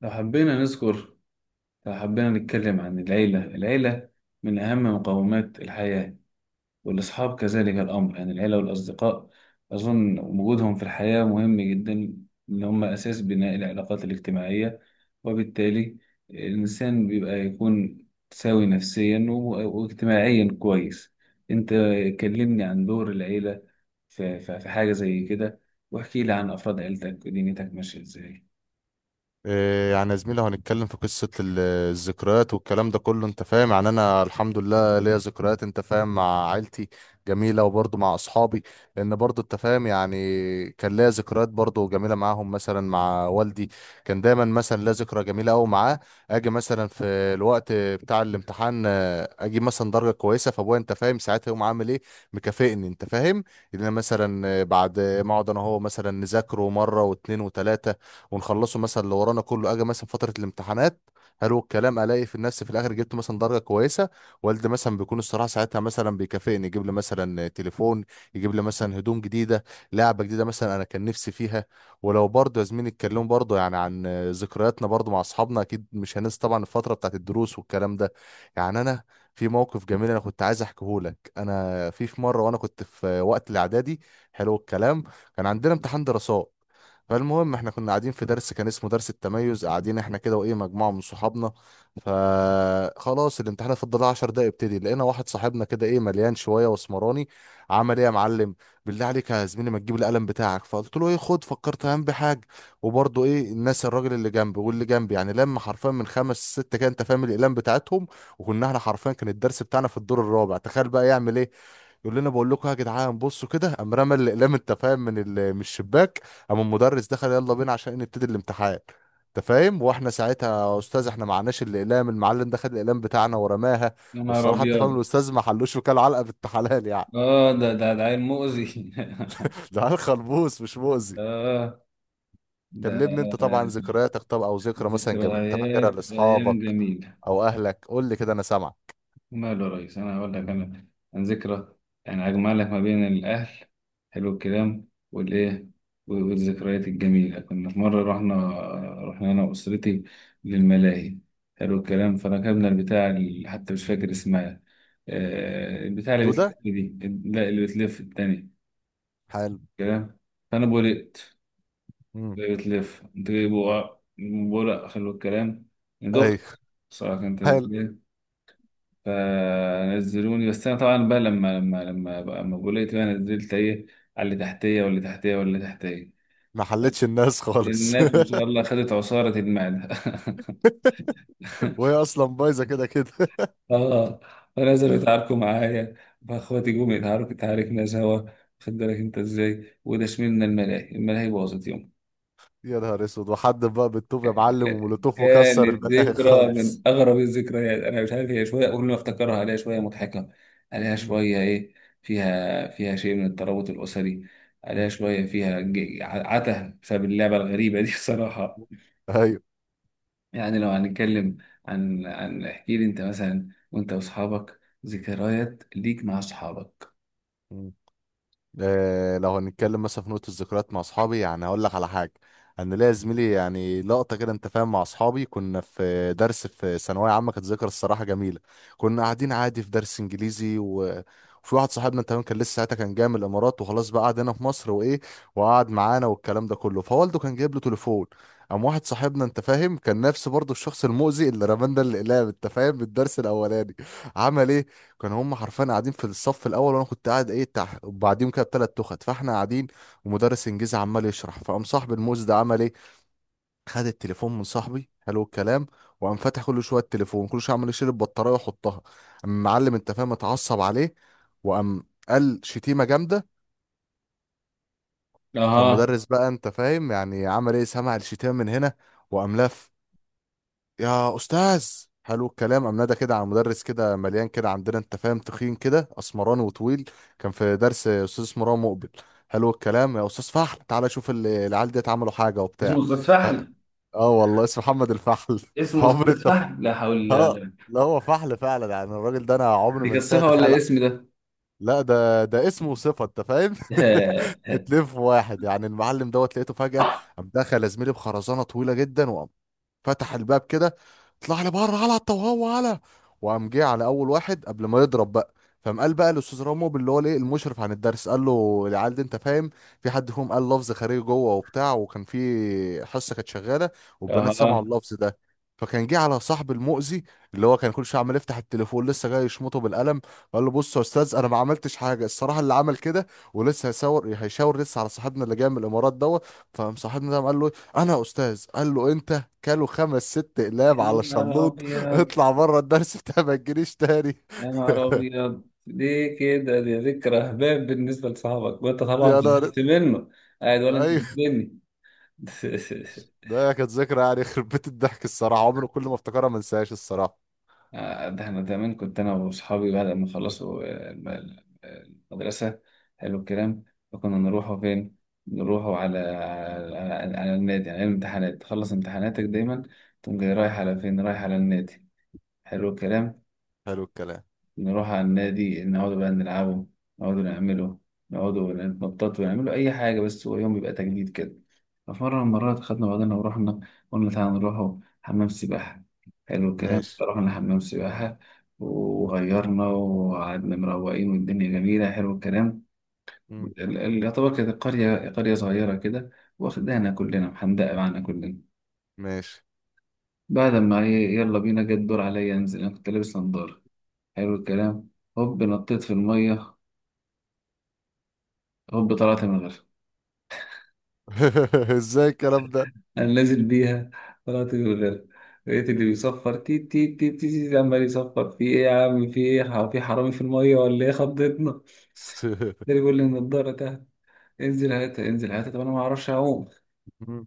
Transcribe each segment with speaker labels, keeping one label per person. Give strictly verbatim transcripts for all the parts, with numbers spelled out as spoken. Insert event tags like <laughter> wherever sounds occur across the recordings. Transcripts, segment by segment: Speaker 1: لو حبينا نذكر لو حبينا نتكلم عن العيلة العيلة من أهم مقومات الحياة، والأصحاب كذلك الأمر، يعني العيلة والأصدقاء، أظن وجودهم في الحياة مهم جدا، إن هم أساس بناء العلاقات الاجتماعية، وبالتالي الإنسان بيبقى يكون سوي نفسيا و- واجتماعيا كويس. أنت كلمني عن دور العيلة في في- في حاجة زي كده، واحكي لي عن أفراد عيلتك ودنيتك ماشية إزاي؟
Speaker 2: إيه، يعني يا زميلي، لو هنتكلم في قصة ال- الذكريات والكلام ده كله، انت فاهم؟ يعني انا الحمد لله ليا ذكريات، انت فاهم، مع عيلتي جميلة، وبرضه مع اصحابي. لان برضه انت فاهم يعني كان ليا ذكريات برضه جميلة معاهم، مثلا مع والدي. كان دايما مثلا ليا ذكرى جميلة قوي معاه. اجي مثلا في الوقت بتاع الامتحان، آه، اجيب مثلا درجة كويسة، فابويا انت فاهم ساعتها يقوم عامل ايه؟ مكافئني، انت فاهم، ان انا مثلا آه، بعد ما اقعد انا هو مثلا نذاكره مرة واتنين وتلاتة، ونخلصه مثلا اللي ورانا كله. اجي مثلا فتره الامتحانات، حلو الكلام، الاقي في النفس في الاخر جبت مثلا درجه كويسه. والدي مثلا بيكون الصراحه ساعتها مثلا بيكافئني، يجيب لي مثلا تليفون، يجيب لي مثلا هدوم جديده، لعبه جديده مثلا انا كان نفسي فيها. ولو برضه يا زميلي اتكلموا برضه يعني عن ذكرياتنا برضه مع اصحابنا، اكيد مش هننسى طبعا الفتره بتاعت الدروس والكلام ده. يعني انا في موقف جميل انا كنت عايز احكيه لك. انا في في مره وانا كنت في وقت الاعدادي، حلو الكلام، كان عندنا امتحان دراسات. فالمهم احنا كنا قاعدين في درس كان اسمه درس التميز، قاعدين احنا كده، وايه مجموعه من صحابنا. فخلاص الامتحان فضل عشر دقايق يبتدي، لقينا واحد صاحبنا كده ايه مليان شويه واسمراني. عمل ايه؟ يا معلم، بالله عليك يا زميلي ما تجيب القلم بتاعك. فقلت له ايه؟ خد. فكرت هم بحاجه. وبرضه ايه الناس، الراجل اللي جنبي واللي جنبي، يعني لما حرفيا من خمس ست كده انت فاهم الاقلام بتاعتهم. وكنا احنا حرفيا كان الدرس بتاعنا في الدور الرابع، تخيل بقى. يعمل ايه؟ يقول لنا بقول لكم يا جدعان بصوا كده. قام رمى الاقلام، انت فاهم، من ال- من الشباك. قام المدرس دخل يلا بينا عشان نبتدي الامتحان، انت فاهم، واحنا ساعتها: يا استاذ احنا معناش الاقلام، المعلم دخل الاقلام بتاعنا ورماها.
Speaker 1: يا نهار
Speaker 2: والصراحه انت فاهم
Speaker 1: أبيض.
Speaker 2: الاستاذ ما حلوش، وكال علقه بنت حلال يعني.
Speaker 1: اه، ده ده ده عيل مؤذي.
Speaker 2: <laughs> ده عيل خلبوس مش
Speaker 1: <laughs>
Speaker 2: مؤذي.
Speaker 1: اه. ده
Speaker 2: كلمني انت طبعا ذكرياتك، طب او ذكرى مثلا جميله انت فاكرها
Speaker 1: ذكريات ايام
Speaker 2: لاصحابك
Speaker 1: جميله.
Speaker 2: او اهلك، قول لي كده انا سامعك.
Speaker 1: ماله يا ريس، انا هقول لك انا عن ذكرى، يعني اجمع لك ما بين الاهل. حلو الكلام. والايه والذكريات الجميله، كنا في مره رحنا، رحنا انا واسرتي للملاهي. حلو الكلام. فركبنا البتاع اللي حتى مش فاكر اسمها، آه، البتاع اللي بتلف
Speaker 2: دوده.
Speaker 1: دي. لا، اللي بتلف التانية
Speaker 2: حلو.
Speaker 1: كلام. فانا بولقت،
Speaker 2: امم.
Speaker 1: بتلف تجيب بقى. حلو الكلام. دخت،
Speaker 2: ايوه.
Speaker 1: صراحة كان
Speaker 2: حلو.
Speaker 1: تسجيل. فنزلوني، بس أنا طبعا بقى لما لما لما بقى لما بقولت بقى نزلت إيه على اللي تحتية، واللي تحتية، واللي تحتية.
Speaker 2: ما حلتش الناس خالص.
Speaker 1: الناس ما شاء الله خدت عصارة المعدة. <laughs>
Speaker 2: <laughs> وهي اصلا بايظه كده كده.
Speaker 1: اه فنزلوا يتعاركوا معايا، فاخواتي جم يتعاركوا، تعاركنا سوا. خد بالك انت ازاي، وده شملنا، الملاهي الملاهي باظت.
Speaker 2: يا نهار اسود، وحد بقى بالطوب يا معلم ومولوتوف وكسر
Speaker 1: كانت
Speaker 2: البلاهي
Speaker 1: ذكرى من
Speaker 2: خالص.
Speaker 1: أغرب الذكريات، أنا مش عارف، هي شوية كل ما أفتكرها عليها شوية مضحكة، عليها
Speaker 2: مم.
Speaker 1: شوية إيه، فيها فيها شيء من الترابط الأسري. عليها
Speaker 2: مم.
Speaker 1: شوية فيها ج- ع- عته بسبب اللعبة الغريبة دي. <laughs> بصراحة.
Speaker 2: ايوه.
Speaker 1: يعني لو هنتكلم عن عن احكي لي أنت مثلا، وأنت وأصحابك ذكريات ليك مع أصحابك.
Speaker 2: آه، لو هنتكلم مثلا في نقطة الذكريات مع أصحابي، يعني هقول لك على حاجة. أنا ليا زميلي يعني لقطة كده أنت فاهم مع أصحابي. كنا في درس في ثانوية عامة، كانت ذكرى الصراحة جميلة. كنا قاعدين عادي في درس إنجليزي و... وفي واحد صاحبنا أنت فاهم كان لسه ساعتها كان جاي من الإمارات، وخلاص بقى قعد هنا في مصر وإيه، وقعد معانا والكلام ده كله. فوالده كان جايب له تليفون. قام واحد صاحبنا انت فاهم كان نفسه برضه الشخص المؤذي اللي رمانا الاقلام، انت فاهم، بالدرس الاولاني. عمل ايه؟ كانوا هم حرفيا قاعدين في الصف الاول وانا كنت قاعد ايه تحت وبعديهم كده بتلات تخت، فاحنا قاعدين. ومدرس انجليزي عمال يشرح، فقام صاحب الموز ده عمل ايه؟ خد التليفون من صاحبي، حلو الكلام. وقام فاتح كل شويه التليفون، كل شويه عمال يشيل البطاريه ويحطها. قام المعلم انت فاهم اتعصب عليه، وقام قال شتيمه جامده.
Speaker 1: أها.
Speaker 2: فالمدرس بقى انت فاهم يعني عمل ايه؟ سمع الشتيمه من هنا وقام لف. يا استاذ، حلو الكلام، امناده كده عن مدرس كده مليان كده عندنا انت فاهم تخين كده اسمراني وطويل. كان في درس استاذ اسمه رام مقبل، حلو الكلام. يا استاذ فحل، تعالى شوف ال- العيال ديت عملوا حاجه
Speaker 1: اسمه
Speaker 2: وبتاع.
Speaker 1: استاذ
Speaker 2: اه.
Speaker 1: فهمي.
Speaker 2: آه والله اسمه محمد الفحل. <laughs>
Speaker 1: اسمه
Speaker 2: عمر
Speaker 1: استاذ
Speaker 2: انت.
Speaker 1: فهمي، لا حول.
Speaker 2: اه. لا، هو فحل فعلا يعني، الراجل ده انا عمري
Speaker 1: دي
Speaker 2: ما
Speaker 1: كانت
Speaker 2: انساه
Speaker 1: صفة
Speaker 2: تخيل.
Speaker 1: ولا اسم ده؟
Speaker 2: لا، ده ده اسمه وصفه انت فاهم.
Speaker 1: <laughs>
Speaker 2: <laughs> اتنين في واحد يعني. المعلم دوت لقيته فجاه،
Speaker 1: آه.
Speaker 2: قام دخل يا زميلي بخرزانه طويله جدا. فتح الباب كده، طلع لي بره على وهو على. وقام جه على اول واحد، قبل ما يضرب بقى، فقام قال بقى الاستاذ رامو اللي هو الايه المشرف عن الدرس، قال له العيال دي انت فاهم في حد فيهم قال لفظ خارجي جوه وبتاع، وكان في حصه كانت شغاله والبنات سمعوا
Speaker 1: أها.
Speaker 2: اللفظ ده. فكان جه على صاحب المؤذي اللي هو كان كل شويه عمال يفتح التليفون، لسه جاي يشمطه بالقلم، قال له بص يا استاذ انا ما عملتش حاجه الصراحه، اللي عمل كده، ولسه هيشاور هيشاور لسه على صاحبنا اللي جاي من الامارات دوت. فقام صاحبنا ده قام قال له إيه، انا يا استاذ، قال له انت. كلوا خمس ست اقلام
Speaker 1: يا
Speaker 2: على
Speaker 1: نهار
Speaker 2: شلوط. <laughs>
Speaker 1: أبيض.
Speaker 2: اطلع بره الدرس بتاع ما تجيليش تاني.
Speaker 1: يا نهار أبيض، ليه كده؟ دي ذكرى هباب بالنسبة لصاحبك، وأنت
Speaker 2: <laughs>
Speaker 1: طبعا
Speaker 2: يا نهار.
Speaker 1: زعلت منه، قاعد ولا أنت
Speaker 2: ايوه.
Speaker 1: بتبني؟ <laughs>
Speaker 2: ده كانت ذكرى يعني يخرب بيت الضحك الصراحه، عمري كل ما افتكرها ما انساهاش الصراحه.
Speaker 1: آه، ده أنا زمان كنت أنا وأصحابي بعد ما خلصوا آه، الم- ال- المدرسة. حلو الكلام. فكنا نروحوا فين؟ نروحوا على على, على النادي، على الامتحانات، تخلص امتحاناتك دايما تقوم جاي رايح على فين؟ رايح على النادي. حلو الكلام.
Speaker 2: حلو الكلام.
Speaker 1: نروح على النادي، نقعد بقى نلعبه، نقعد نعمله، نقعد نتنطط ونعمله أي حاجة، بس هو يوم يبقى تجديد كده. ففي مرة من المرات خدنا بعضنا ورحنا، قلنا تعالى نروح حمام سباحة. حلو الكلام.
Speaker 2: ماشي.
Speaker 1: رحنا حمام سباحة، وغيرنا وقعدنا مروقين، والدنيا جميلة. حلو الكلام.
Speaker 2: مم.
Speaker 1: ال- ال- يعتبر كانت قرية، قرية صغيرة كده، واخدانا كلنا، محندقة معانا كلنا.
Speaker 2: ماشي.
Speaker 1: بعد ما إيه، يلا بينا جه الدور عليا انزل، انا كنت لابس نضارة. حلو الكلام. هوب نطيت في المية، هوب طلعت من غيرها.
Speaker 2: <laughs> ازاي الكلام ده؟
Speaker 1: انا نازل بيها، طلعت من غيرها. لقيت اللي بيصفر، تي تي تي تي, تي، عمال يصفر، في ايه يا عم؟ في ايه؟ ح- في حرامي في الميه ولا ايه؟ خضتنا ده.
Speaker 2: <laughs>
Speaker 1: اللي بيقول لي النضاره تحت، انزل هاتها، انزل هاتها، طب انا ما اعرفش اعوم،
Speaker 2: مم.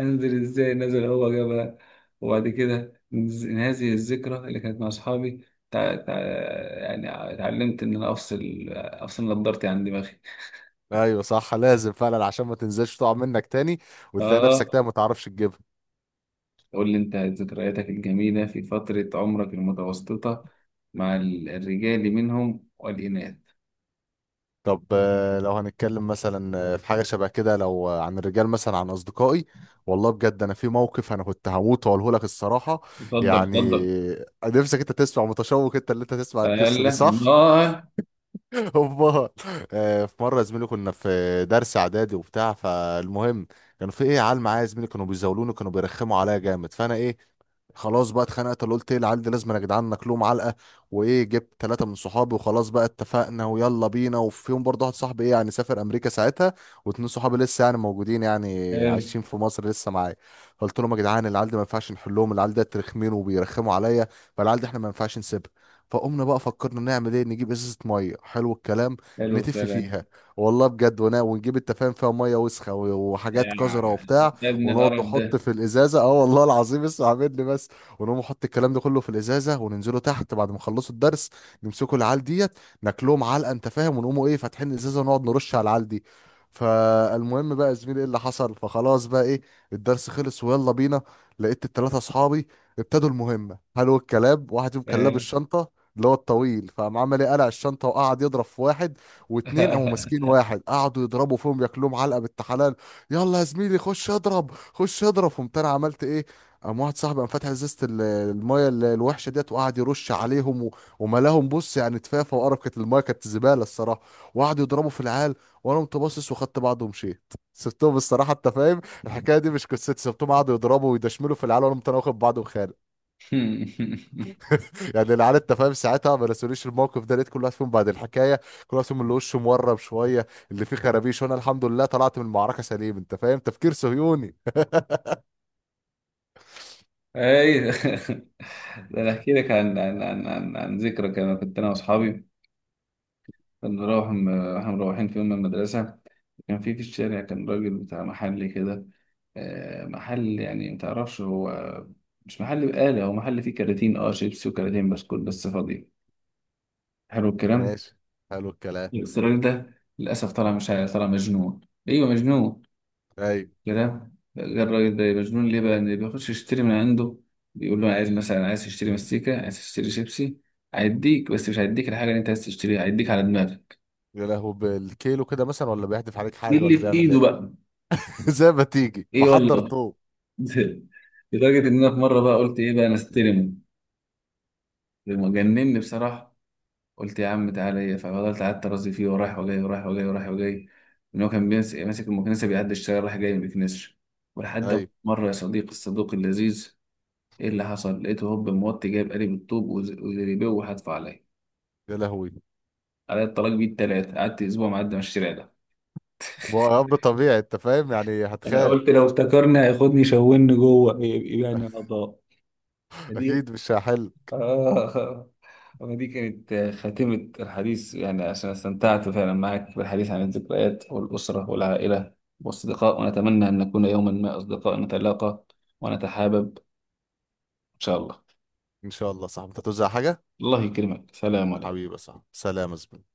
Speaker 1: انزل ازاي نازل؟ هو جابها. وبعد كده نز- هذه الذكرى اللي كانت مع اصحابي. تع... تع... يعني اتعلمت ان انا افصل افصل نضارتي عن دماغي.
Speaker 2: ايوه صح، لازم فعلا عشان ما تنزلش تقع منك تاني، وتلاقي نفسك
Speaker 1: اه.
Speaker 2: تاني ما تعرفش تجيبها.
Speaker 1: قول لي أنت ذكرياتك الجميلة في فترة عمرك المتوسطة، مع ال- الرجال منهم والإناث.
Speaker 2: طب آه، لو هنتكلم مثلا آه، في حاجة شبه كده، لو آه، عن الرجال مثلا عن أصدقائي، والله بجد أنا في موقف أنا كنت هموت وأقوله لك الصراحة.
Speaker 1: اتفضل،
Speaker 2: يعني
Speaker 1: اتفضل.
Speaker 2: آه، نفسك أنت تسمع متشوق أنت اللي أنت تسمع
Speaker 1: ألا
Speaker 2: القصة دي، صح؟
Speaker 1: الله.
Speaker 2: <laughs> أمال. آه، في مرة يا زميلي كنا في درس إعدادي وبتاع. فالمهم كانوا في إيه عيال معايا يا زميلي كانوا بيزاولوني، كانوا بيرخموا عليا جامد. فأنا إيه، خلاص بقى اتخنقت، اللي قلت ايه، العيال دي لازم يا جدعان ناكلهم علقه. وايه، جبت ثلاثه من صحابي، وخلاص بقى اتفقنا ويلا بينا. وفيهم برضه واحد صاحبي ايه يعني سافر امريكا ساعتها، واتنين صحابي لسه يعني موجودين يعني
Speaker 1: حلو.
Speaker 2: عايشين في مصر لسه معايا. قلت لهم يا جدعان العيال دي ما ينفعش نحلهم، العيال دي رخمين وبيرخموا عليا، فالعيال دي احنا ما ينفعش نسيبها. فقمنا بقى فكرنا نعمل ايه، نجيب ازازه ميه، حلو الكلام،
Speaker 1: حلو
Speaker 2: نتف
Speaker 1: الكلام.
Speaker 2: فيها، والله بجد. ونا- ونجيب التفاهم فيها ميه وسخه وحاجات
Speaker 1: يعني.
Speaker 2: قذره وبتاع.
Speaker 1: يا ابن
Speaker 2: ونقعد
Speaker 1: القرف
Speaker 2: نحط
Speaker 1: ده.
Speaker 2: في الازازه، اه والله العظيم اسمع مني بس. ونقوم نحط الكلام ده كله في الازازه، وننزلوا تحت بعد ما نخلصوا الدرس، نمسكوا العيال ديت، ناكلهم علقه انت فاهم، ونقوموا ايه فاتحين الازازه ونقعد نرش على العيال دي. فالمهم بقى يا زميلي ايه اللي حصل؟ فخلاص بقى ايه، الدرس خلص ويلا بينا. لقيت التلاتة اصحابي ابتدوا المهمه، حلو الكلام. واحد فيهم كان لابس
Speaker 1: حلو.
Speaker 2: الشنطه اللي هو الطويل، فقام عمل ايه؟ قلع الشنطه وقعد يضرب في واحد، واتنين قاموا ماسكين واحد قعدوا يضربوا فيهم ياكلوهم علقه بالتحالة. يلا يا زميلي خش اضرب خش اضرب، قمت انا عملت ايه؟ قام واحد صاحبي قام فاتح ازازه ال- المايه ال- الوحشه ديت وقعد يرش عليهم و- وملاهم، بص يعني تفافه وقرف، كانت المايه كانت زباله الصراحه. وقعدوا يضربوا في العيال وانا قمت باصص وخدت بعضه ومشيت. <laughs> سبتهم الصراحه انت فاهم الحكايه دي مش قصتي، سبتهم قعدوا يضربوا ويدشملوا في العيال، وانا قمت انا واخد بعضه وخارج.
Speaker 1: <laughs>
Speaker 2: يعني العيال انت فاهم ساعتها ما نسوليش الموقف ده. لقيت كل واحد فيهم بعد الحكايه، كل واحد فيهم اللي وشه مورم شويه اللي فيه خرابيش، وانا الحمد لله طلعت من المعركه سليم، انت فاهم، تفكير صهيوني.
Speaker 1: ايوه. ده انا احكي لك عن عن عن عن, عن ذكرى، كان كنت انا واصحابي، كنا نروح احنا مروحين في يوم من المدرسة. كان في في الشارع كان راجل بتاع محل كده. آه، محل، يعني متعرفش هو، مش محل بقالة، هو محل فيه كراتين اه شيبسي وكراتين بسكوت بس فاضي. حلو الكلام.
Speaker 2: ماشي. حلو الكلام.
Speaker 1: بس الراجل ده للأسف طلع، مش عارف، طلع مجنون. أيوه مجنون
Speaker 2: ايوه.
Speaker 1: كده. الراجل ده مجنون ليه بقى، إن بيخش يشتري من عنده، بيقول له
Speaker 2: مم.
Speaker 1: عايز مثلا، عايز تشتري مستيكة، عايز تشتري شيبسي،
Speaker 2: مم.
Speaker 1: هيديك، بس مش هيديك الحاجة اللي أنت عايز تشتريها، هيديك على دماغك
Speaker 2: يا لهو، بالكيلو كده مثلا، ولا بيحدف عليك حاجه،
Speaker 1: باللي
Speaker 2: ولا
Speaker 1: في
Speaker 2: بيعمل
Speaker 1: إيده
Speaker 2: ايه؟
Speaker 1: بقى.
Speaker 2: <laughs> زي ما تيجي
Speaker 1: إيه
Speaker 2: بحضر
Speaker 1: والله.
Speaker 2: طوب.
Speaker 1: <laughs> لدرجة إن أنا في مرة بقى قلت إيه بقى، أنا استلم لما جنني بصراحة. قلت يا عم تعالى إيه، ففضلت قعدت أرازي فيه ورايح وجاي، ورايح وجاي، ورايح وجاي، إن هو كان بيمس- ماسك المكنسة، بيعدي الشارع رايح جاي ما بيكنسش. ولحد ما
Speaker 2: ايوه.
Speaker 1: مرة، يا صديقي الصدوق اللذيذ، إيه اللي حصل؟ لقيته هوب موطي، جايب قالب الطوب وز- وزريبيه وحدفه عليا.
Speaker 2: يا لهوي.
Speaker 1: عليا الطلاق بيه التلاتة، قعدت أسبوع معدي من الشارع ده.
Speaker 2: هو امر طبيعي انت فاهم يعني
Speaker 1: أنا
Speaker 2: هتخاف.
Speaker 1: قلت لو افتكرني هياخدني يشوهني جوه، يبقى أنا أعضاء.
Speaker 2: اكيد مش هحل.
Speaker 1: آه. ما دي كانت خاتمة الحديث، يعني عشان استمتعت فعلا معك بالحديث عن الذكريات والأسرة والعائلة والأصدقاء، ونتمنى أن نكون يوما ما أصدقاء نتلاقى ونتحابب، إن شاء الله.
Speaker 2: ان شاء الله. صح، انت هتوزع حاجه؟
Speaker 1: الله يكرمك، سلام عليكم.
Speaker 2: حبيبي صح، سلام يا زميلي.